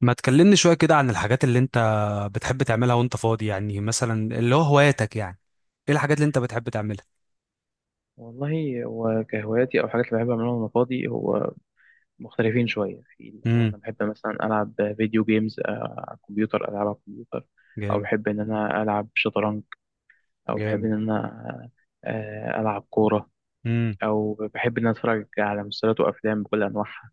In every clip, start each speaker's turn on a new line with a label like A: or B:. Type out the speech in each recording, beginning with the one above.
A: ما تكلمني شوية كده عن الحاجات اللي انت بتحب تعملها وانت فاضي، يعني مثلا اللي هو هواياتك. يعني ايه الحاجات اللي انت بتحب تعملها؟
B: والله هو كهواياتي او حاجات اللي بحب اعملها وانا فاضي. هو مختلفين شويه في اللي هو
A: امم.
B: انا بحب مثلا العب فيديو جيمز، على الكمبيوتر، العب على الكمبيوتر، او
A: جامد.
B: بحب ان انا العب شطرنج، او بحب
A: جامد.
B: ان انا العب كوره،
A: امم.
B: او بحب ان انا اتفرج على مسلسلات وافلام بكل انواعها.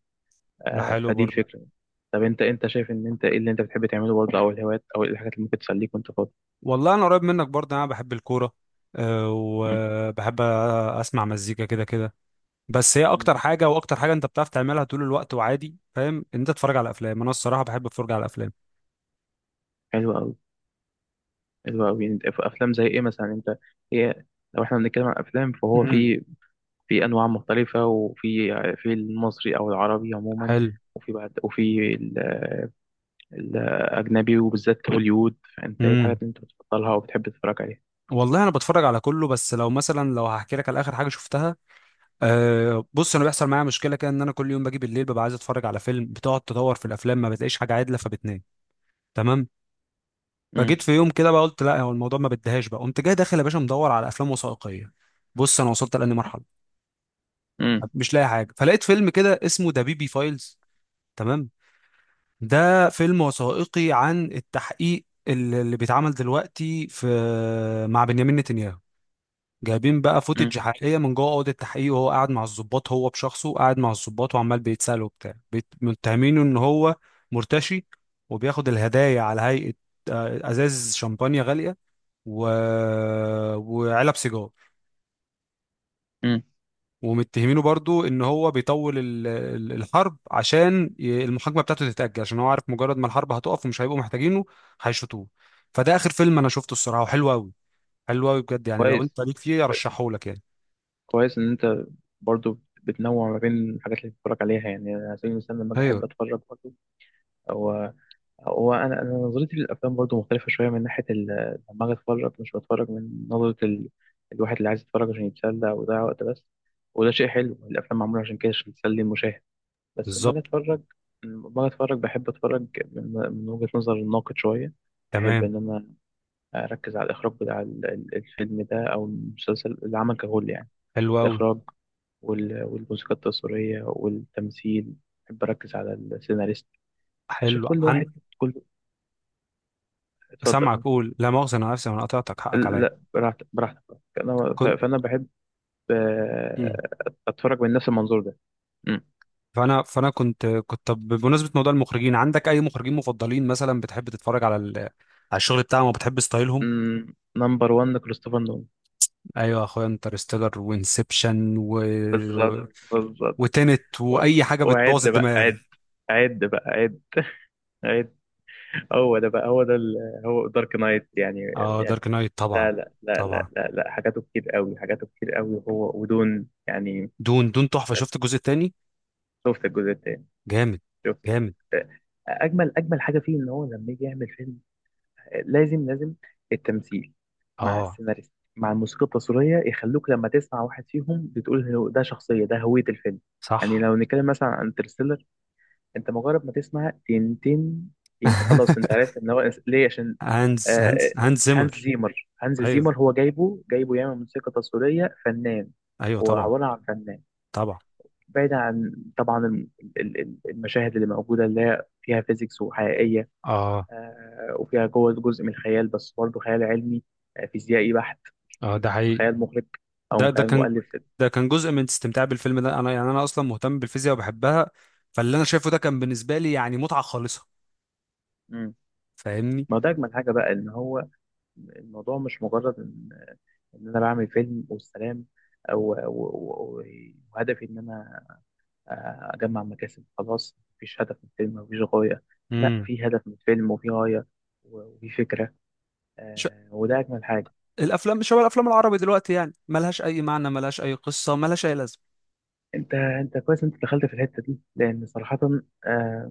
A: ده حلو
B: فدي
A: برضه.
B: الفكره. طب انت شايف ان انت ايه اللي انت بتحب تعمله برضه؟ او الهوايات، او إيه الحاجات اللي ممكن تسليك وانت فاضي؟
A: والله انا قريب منك برضه، انا بحب الكورة. أه،
B: مم.
A: وبحب اسمع مزيكا كده كده. بس هي
B: مم.
A: اكتر حاجة، واكتر حاجة انت بتعرف تعملها طول الوقت. وعادي فاهم ان انت تتفرج على افلام. انا الصراحة بحب اتفرج على افلام.
B: حلو قوي. حلو قوي. انت في افلام زي ايه مثلا انت؟ هي لو احنا بنتكلم عن افلام فهو
A: امم.
B: في، في انواع مختلفه، وفي، في المصري او العربي عموما،
A: حلو.
B: وفي بعد وفي الاجنبي وبالذات هوليوود، فانت ايه الحاجات
A: امم.
B: اللي انت بتفضلها وبتحب تتفرج عليها؟
A: والله انا بتفرج على كله، بس لو مثلا لو هحكي لك على اخر حاجة شفتها. أه، بص، انا بيحصل معايا مشكله كده ان انا كل يوم باجي بالليل ببقى عايز اتفرج على فيلم. بتقعد تدور في الافلام ما بتلاقيش حاجه عادله فبتنام. تمام.
B: امم.
A: فجيت في يوم كده بقى قلت لا، هو الموضوع ما بديهاش بقى. قمت جاي داخل يا باشا مدور على افلام وثائقيه. بص، انا وصلت لاني مرحله
B: امم.
A: مش لاقي حاجه. فلقيت فيلم كده اسمه ذا بيبي فايلز. تمام. ده فيلم وثائقي عن التحقيق اللي بيتعمل دلوقتي في، مع بنيامين نتنياهو. جايبين بقى
B: امم.
A: فوتج حقيقيه من جوه اوضه التحقيق، وهو قاعد مع الضباط، هو بشخصه قاعد مع الضباط، وعمال بيتسال وبتاع متهمينه ان هو مرتشي. وبياخد الهدايا على هيئه ازاز شمبانيا غاليه و... وعلب سيجار.
B: أمم.
A: ومتهمينه برضو ان هو بيطول الحرب عشان المحاكمه بتاعته تتاجل، عشان هو عارف مجرد ما الحرب هتقف ومش هيبقوا محتاجينه. هيشوطوه. فده اخر فيلم انا شفته الصراحه، وحلو قوي. حلو قوي بجد، يعني لو
B: كويس.
A: انت ليك فيه
B: كويس.
A: ارشحهولك يعني.
B: كويس ان انت برضو بتنوع ما بين الحاجات اللي بتتفرج عليها. يعني أنا على سبيل المثال لما اجي
A: ايوه.
B: احب اتفرج برضو. هو انا نظرتي للافلام برضو مختلفه شويه من ناحيه لما اجي اتفرج مش بتفرج من نظره الواحد اللي عايز يتفرج عشان يتسلى ويضيع وقت بس، وده شيء حلو، الافلام معموله عشان كده، عشان تسلي المشاهد. بس لما اجي
A: بالظبط.
B: اتفرج لما اجي اتفرج بحب اتفرج من، من وجهه نظر الناقد شويه. بحب
A: تمام.
B: ان انا اركز على الاخراج بتاع الفيلم ده او المسلسل، العمل ككل يعني.
A: حلو قوي.
B: الاخراج والموسيقى التصويريه والتمثيل، بحب اركز على السيناريست، اشوف
A: حلو.
B: كل واحد، كل،
A: سامعك،
B: اتفضل.
A: قول لا مؤاخذة، انا نفسي انا قطعتك، حقك عليا.
B: لا، براحتك، براحتك.
A: كنت
B: فانا بحب
A: مم.
B: آه، اتفرج من نفس المنظور ده.
A: فانا كنت طب، بمناسبة موضوع المخرجين، عندك اي مخرجين مفضلين مثلا بتحب تتفرج على على الشغل بتاعهم وبتحب ستايلهم؟
B: نمبر 1 كريستوفر نولان.
A: ايوه يا اخويا، انترستيلر وانسبشن
B: بالظبط، بالظبط.
A: وتنت
B: و-
A: واي حاجة
B: وعد
A: بتبوظ
B: بقى
A: الدماغ.
B: عد، عد بقى عد عد. هو ده بقى، هو ده هو دارك نايت يعني.
A: اه،
B: يعني
A: دارك نايت طبعا.
B: لا لا لا
A: طبعا.
B: لا لا لا، حاجاته كتير قوي، حاجاته كتير قوي، هو ودون يعني.
A: دون دون تحفة. شفت الجزء التاني؟
B: شفت الجزء التاني؟
A: جامد.
B: شفت الجزء
A: جامد.
B: التاني. اجمل، اجمل حاجه فيه ان هو لما يجي يعمل فيلم، لازم، لازم التمثيل مع
A: اه،
B: السيناريست مع الموسيقى التصويرية، يخلوك لما تسمع واحد فيهم بتقول هو ده، شخصية ده، هوية الفيلم يعني.
A: صح.
B: لو نتكلم مثلا عن انترستيلر، انت مجرد ما تسمع تين تين تين، خلاص انت عارف ان هو ليه، عشان.
A: هانز هانز
B: آه،
A: هانز
B: هانز
A: زيمر
B: زيمر، هانز
A: ايوه،
B: زيمر هو جايبه، جايبه يعمل موسيقى تصويرية، فنان.
A: ايوه.
B: هو
A: طبعا،
B: عبارة عن فنان،
A: طبعا.
B: بعيد عن طبعا المشاهد اللي موجودة اللي هي فيها فيزيكس وحقيقية.
A: اه،
B: وفيها جوه جزء من الخيال، بس برضه خيال علمي، فيزيائي بحت،
A: اه. ده
B: مش من
A: حقيقي.
B: خيال مخرج او
A: ده
B: من
A: ده
B: خيال
A: كان،
B: مؤلف.
A: ده كان جزء من استمتاع بالفيلم ده. انا يعني انا اصلا مهتم بالفيزياء وبحبها. فاللي انا شايفه ده كان بالنسبه لي يعني متعه خالصه.
B: مم.
A: فاهمني؟
B: ما ده اجمل حاجه بقى، ان هو الموضوع مش مجرد ان، ان انا بعمل فيلم والسلام، او وهدفي ان انا اجمع مكاسب، خلاص مفيش هدف من الفيلم، مفيش غايه. لا،
A: امم.
B: في هدف من الفيلم، وفي غايه، وفي فكره،
A: ش...
B: وده اجمل حاجه.
A: الافلام شبه الافلام العربي دلوقتي يعني ملهاش اي معنى، ملهاش اي قصه، ملهاش اي لازمه.
B: انت كويس، انت دخلت في الحته دي، لان صراحه آه،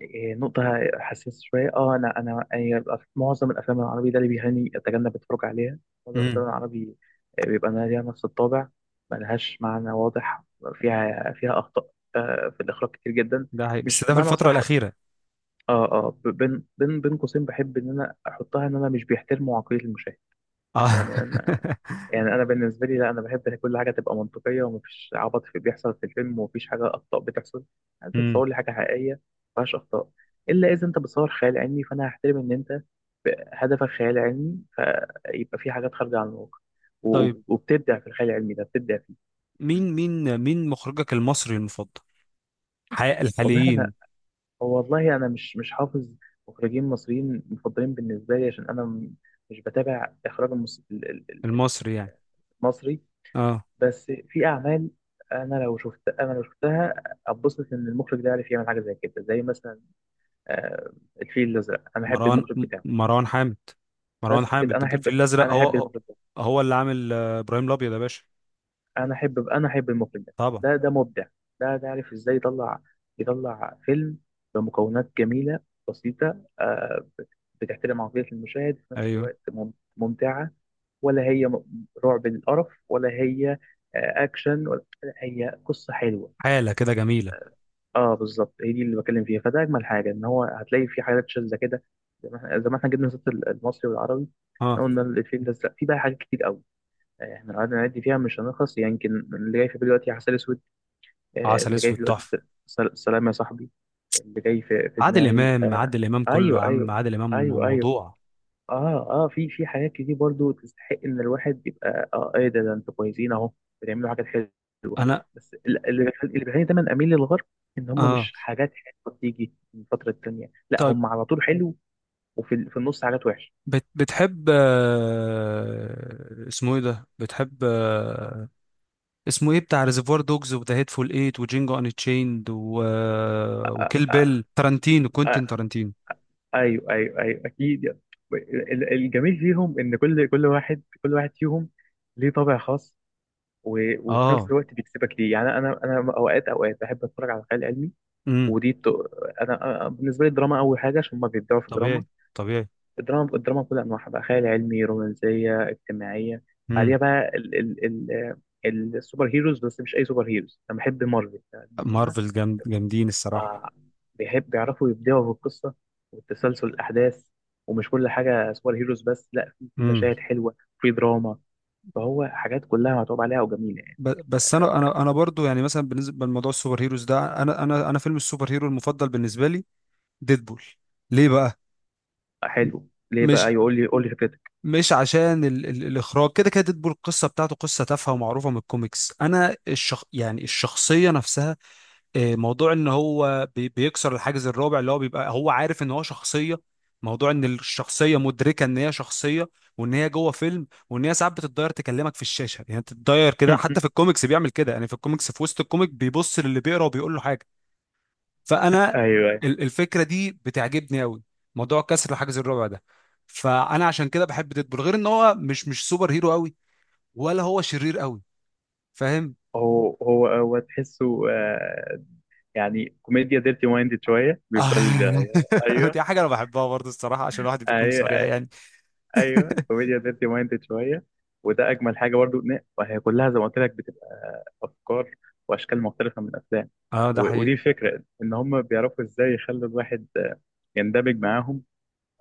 B: إيه، نقطة حساسة شوية. اه انا هي معظم الافلام العربي ده اللي بيهاني اتجنب اتفرج عليها. معظم الافلام
A: امم.
B: العربي بيبقى أنا ليها نفس الطابع، ملهاش معنى واضح، فيها، فيها اخطاء في الاخراج كتير جدا.
A: ده حقيقي بس
B: مش
A: ده في
B: بمعنى
A: الفتره
B: صح،
A: الاخيره.
B: اه اه، بين بين قوسين بحب ان انا احطها، ان انا مش بيحترموا عقلية المشاهد
A: اه.
B: يعني. يعني انا بالنسبه لي لا، انا بحب إن كل حاجه تبقى منطقيه، ومفيش عبط في بيحصل في الفيلم، ومفيش حاجه اخطاء بتحصل. انت
A: امم.
B: تصور لي حاجه حقيقيه مفيهاش اخطاء. الا اذا انت بتصور خيال علمي، فانا هحترم ان انت هدفك خيال علمي، فيبقى في حاجات خارجه عن الواقع،
A: طيب
B: وبتبدع في الخيال العلمي ده، بتبدع فيه. م.
A: مين مخرجك المصري المفضل؟
B: والله
A: الحاليين.
B: انا، والله انا مش، مش حافظ مخرجين مصريين مفضلين بالنسبه لي، عشان انا مش بتابع اخراج
A: المصري يعني.
B: المصري.
A: اه،
B: بس في اعمال، انا لو شفت، انا لو شفتها اتبسط ان المخرج ده عارف يعمل حاجه زي كده، زي مثلا آه، الفيل الازرق، انا احب
A: مروان
B: المخرج بتاعه.
A: مروان حامد. مروان
B: بس كده، انا
A: حامد
B: احب،
A: الفيل الازرق
B: انا
A: هو
B: احب
A: هو
B: المخرج ده،
A: هو اللي عامل ابراهيم الابيض يا باشا.
B: انا احب، انا احب المخرج ده.
A: طبعا.
B: ده، ده مبدع، ده، ده عارف ازاي يطلع، يطلع فيلم بمكونات جميله، بسيطه، بتحترم عقليه المشاهد، في نفس
A: ايوه.
B: الوقت مم- ممتعه، ولا هي رعب للقرف، ولا هي اكشن، ولا هي قصه حلوه.
A: حاله كده جميله.
B: اه بالظبط، هي دي اللي بتكلم فيها. فده اجمل حاجه، ان هو هتلاقي في حاجات شاذه كده، زي ما احنا، زي ما احنا جبنا سيره المصري والعربي.
A: اه،
B: إحنا قلنا الفيلم ده، لا، في بقى حاجات كتير قوي يعني، احنا لو قعدنا نعد فيها مش هنخلص يعني. يمكن اللي جاي في بالي دلوقتي عسل اسود،
A: عسل
B: اللي جاي
A: اسود
B: في دلوقتي
A: تحفه.
B: سلام يا صاحبي، اللي جاي في، في
A: عادل
B: دماغي
A: امام، عادل امام كله يا
B: ايوه
A: عم،
B: ايوه
A: عادل امام
B: ايوه ايوه.
A: موضوع.
B: اه اه، في، في حاجات كتير برضو تستحق ان الواحد يبقى اه ايه ده، ده انتوا كويسين اهو، بتعملوا حاجات حلوه.
A: انا
B: بس اللي بيخليني دايما اميل للغرب، ان هم
A: اه
B: مش حاجات حلوه بتيجي من فتره التانيه، لا
A: طيب.
B: هم على طول حلو. وفي في النص حاجات وحشه.
A: بتحب اسمه ايه ده؟ بتحب اسمه ايه؟ بتاع ريزرفوار دوجز وذا هيتفول ايت وجينجو ان تشيند وكيل
B: آه
A: بيل. تارانتينو،
B: آه،
A: كوينتين تارانتينو.
B: ايوه ايوه ايوه، اكيد يعني. الجميل فيهم ان كل واحد فيهم ليه طابع خاص، وفي نفس
A: اه.
B: الوقت بيكسبك ليه. يعني انا، انا اوقات، اوقات بحب اتفرج على الخيال العلمي
A: امم.
B: ودي ت... انا، بالنسبه لي الدراما اول حاجه، عشان هما بيبدعوا في الدراما.
A: طبيعي. طبيعي.
B: الدراما، الدراما بكل انواعها بقى، خيال علمي، رومانسيه، اجتماعيه.
A: امم.
B: بعديها بقى السوبر هيروز، بس مش اي سوبر هيروز. انا بحب مارفل، لان هم
A: مارفل جامد. جامدين الصراحه.
B: آه، بيحب بيعرفوا يبدعوا في القصه والتسلسل الاحداث، ومش كل حاجه سوبر هيروز بس، لا في، في
A: امم.
B: مشاهد حلوه في دراما. فهو حاجات كلها متعوب عليها وجميله يعني.
A: بس
B: آه،
A: انا برضو يعني مثلا بالنسبه لموضوع السوبر هيروز ده، انا فيلم السوبر هيرو المفضل بالنسبه لي ديدبول. ليه بقى؟
B: حلو، ليه
A: مش
B: بقى؟ يقول لي، قول لي فكرتك.
A: مش عشان ال ال الاخراج كده كده. ديدبول القصه بتاعته قصه تافهه ومعروفه من الكوميكس. انا يعني الشخصيه نفسها. موضوع ان هو بيكسر الحاجز الرابع، اللي هو بيبقى هو عارف ان هو شخصيه. موضوع ان الشخصيه مدركه ان هي شخصيه، وان هي جوه فيلم، وان هي ساعات بتتضاير تكلمك في الشاشه يعني، تتضاير كده حتى في الكوميكس بيعمل كده. يعني في الكوميكس في وسط الكوميك بيبص للي بيقرا وبيقول له حاجه. فانا
B: ايوه.
A: الفكره دي بتعجبني قوي، موضوع كسر الحاجز الرابع ده. فانا عشان كده بحب ديدبول، غير ان هو مش سوبر هيرو قوي، ولا هو شرير قوي. فاهم؟
B: هو تحسه يعني كوميديا ديرتي مايندد شويه، بيفضل ايوه
A: دي حاجه انا بحبها برضه الصراحه، عشان الواحد يكون صريح
B: ايوه
A: يعني.
B: ايوه، كوميديا ديرتي مايندد شويه، وده اجمل حاجه برضو. وهي كلها زي ما قلت لك بتبقى افكار واشكال مختلفه من الافلام،
A: اه، ده
B: ودي
A: حقيقي.
B: الفكره، ان هم بيعرفوا ازاي يخلوا الواحد يندمج معاهم،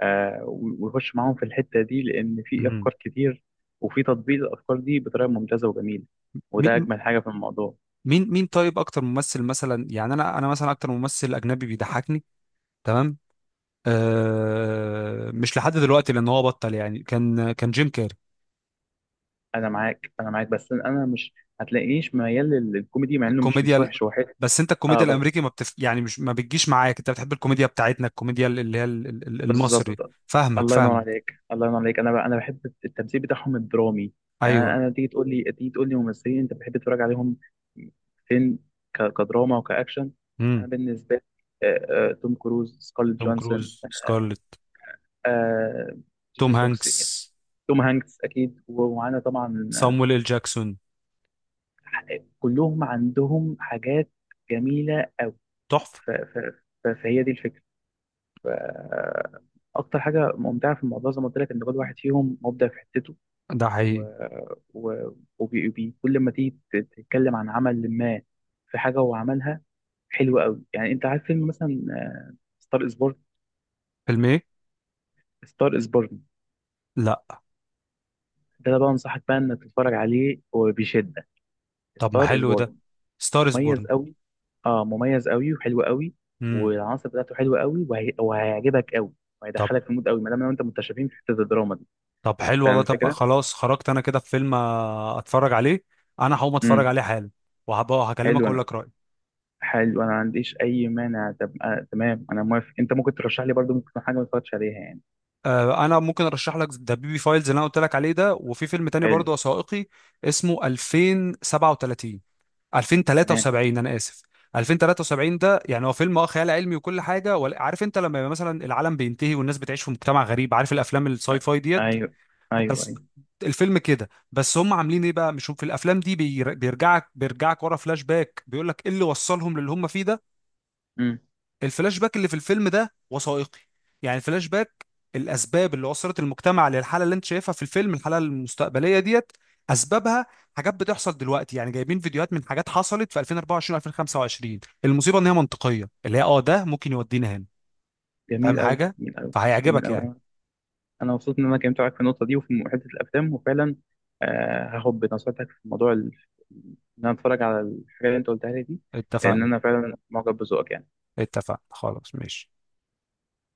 B: ويخش معاهم في الحته دي، لان في
A: مم.
B: افكار كتير، وفي تطبيق الافكار دي بطريقه ممتازه وجميله، وده
A: مين
B: اجمل حاجه في الموضوع.
A: مين طيب، اكتر ممثل مثلا يعني؟ انا مثلا اكتر ممثل اجنبي بيضحكني. تمام. مش لحد دلوقتي لان هو بطل يعني، كان جيم كاري.
B: انا معاك، انا معاك، بس انا مش هتلاقينيش ميال للكوميدي، مع انه مش،
A: الكوميديا
B: مش
A: ال-
B: وحش، هو حلو.
A: بس انت
B: اه
A: الكوميديا
B: بس
A: الامريكي ما بتف يعني مش ما بتجيش معاك، انت بتحب الكوميديا بتاعتنا، الكوميديا اللي هي المصري.
B: بالظبط.
A: فاهمك،
B: الله ينور
A: فاهم.
B: عليك، الله ينور عليك. انا بقى انا بحب التمثيل بتاعهم الدرامي يعني. انا
A: ايوه.
B: تيجي تقول لي، تيجي تقول لي ممثلين انت بتحب تتفرج عليهم فين؟ كدراما وكاكشن، انا
A: امم.
B: بالنسبه لي توم كروز، سكارليت
A: توم
B: جونسون،
A: كروز. سكارلت.
B: آه، جيمي
A: توم
B: فوكس،
A: هانكس.
B: توم هانكس اكيد، ومعانا طبعا
A: صامويل ال جاكسون
B: كلهم عندهم حاجات جميله قوي.
A: تحفه.
B: فهي دي الفكره. ف- اكتر حاجه ممتعه في الموضوع، زي ما قلت لك، ان كل واحد فيهم مبدع في حتته.
A: ده
B: و...
A: حقيقي.
B: و... كل ما تيجي تتكلم عن عمل ما، في حاجه هو عملها حلوه قوي. يعني انت عارف فيلم مثلا ستار از بورن؟
A: فيلم ايه؟
B: ستار از بورن،
A: لا.
B: ده أنا بقى انصحك بقى انك تتفرج عليه وبشده.
A: طب ما
B: ستار از
A: حلو
B: بورن،
A: ده. ستارز
B: مميز
A: بورن.
B: قوي. اه مميز قوي وحلو قوي،
A: امم.
B: والعناصر بتاعته حلوه قوي، وهيعجبك قوي،
A: طب.
B: وهيدخلك في المود قوي، ما دام لو انت متشابهين في حته الدراما دي.
A: طب حلو
B: فاهم
A: والله. طب
B: الفكره؟
A: خلاص، خرجت انا كده في فيلم اتفرج عليه. انا هقوم اتفرج
B: امم.
A: عليه حالا، وهبقى هكلمك
B: حلو.
A: اقول لك رايي.
B: حلو، انا ما عنديش اي مانع. طب آه تمام، انا موافق. انت ممكن ترشح لي برضو، ممكن تكون حاجه ما اتفرجتش عليها يعني.
A: انا ممكن ارشح لك ذا بيبي فايلز اللي انا قلت لك عليه ده. وفي فيلم تاني
B: حلو.
A: برضه وثائقي، اسمه 2037،
B: تمام.
A: 2073، انا اسف، 2073. ده يعني هو فيلم خيال علمي وكل حاجه، عارف انت لما يبقى مثلا العالم بينتهي والناس بتعيش في مجتمع غريب؟ عارف الافلام
B: آه،
A: الساي فاي ديت.
B: ايوه ايوه
A: بس
B: ايوه.
A: الفيلم كده، بس هم عاملين ايه بقى؟ مش هم في الافلام دي بيرجعك ورا فلاش باك بيقول لك ايه اللي وصلهم للي هم فيه ده.
B: امم.
A: الفلاش باك اللي في الفيلم ده وثائقي يعني. الفلاش باك، الاسباب اللي وصلت المجتمع للحاله اللي انت شايفها في الفيلم، الحاله المستقبليه ديت، اسبابها. حاجات بتحصل دلوقتي يعني. جايبين فيديوهات من حاجات حصلت في 2024 و2025. المصيبه ان هي منطقيه، اللي هي ده ممكن يودينا هنا.
B: جميل
A: فاهم
B: قوي،
A: حاجه؟
B: جميل قوي، جميل
A: فهيعجبك يعني.
B: قوي. انا مبسوط ان انا اتكلمت معاك في النقطه دي وفي حته الافلام، وفعلا آه هاخد بنصيحتك في موضوع ان انا اتفرج على الحاجات اللي انت قلتها لي دي، لان
A: اتفقنا.
B: انا فعلا معجب بذوقك يعني.
A: اتفقنا خلاص، ماشي.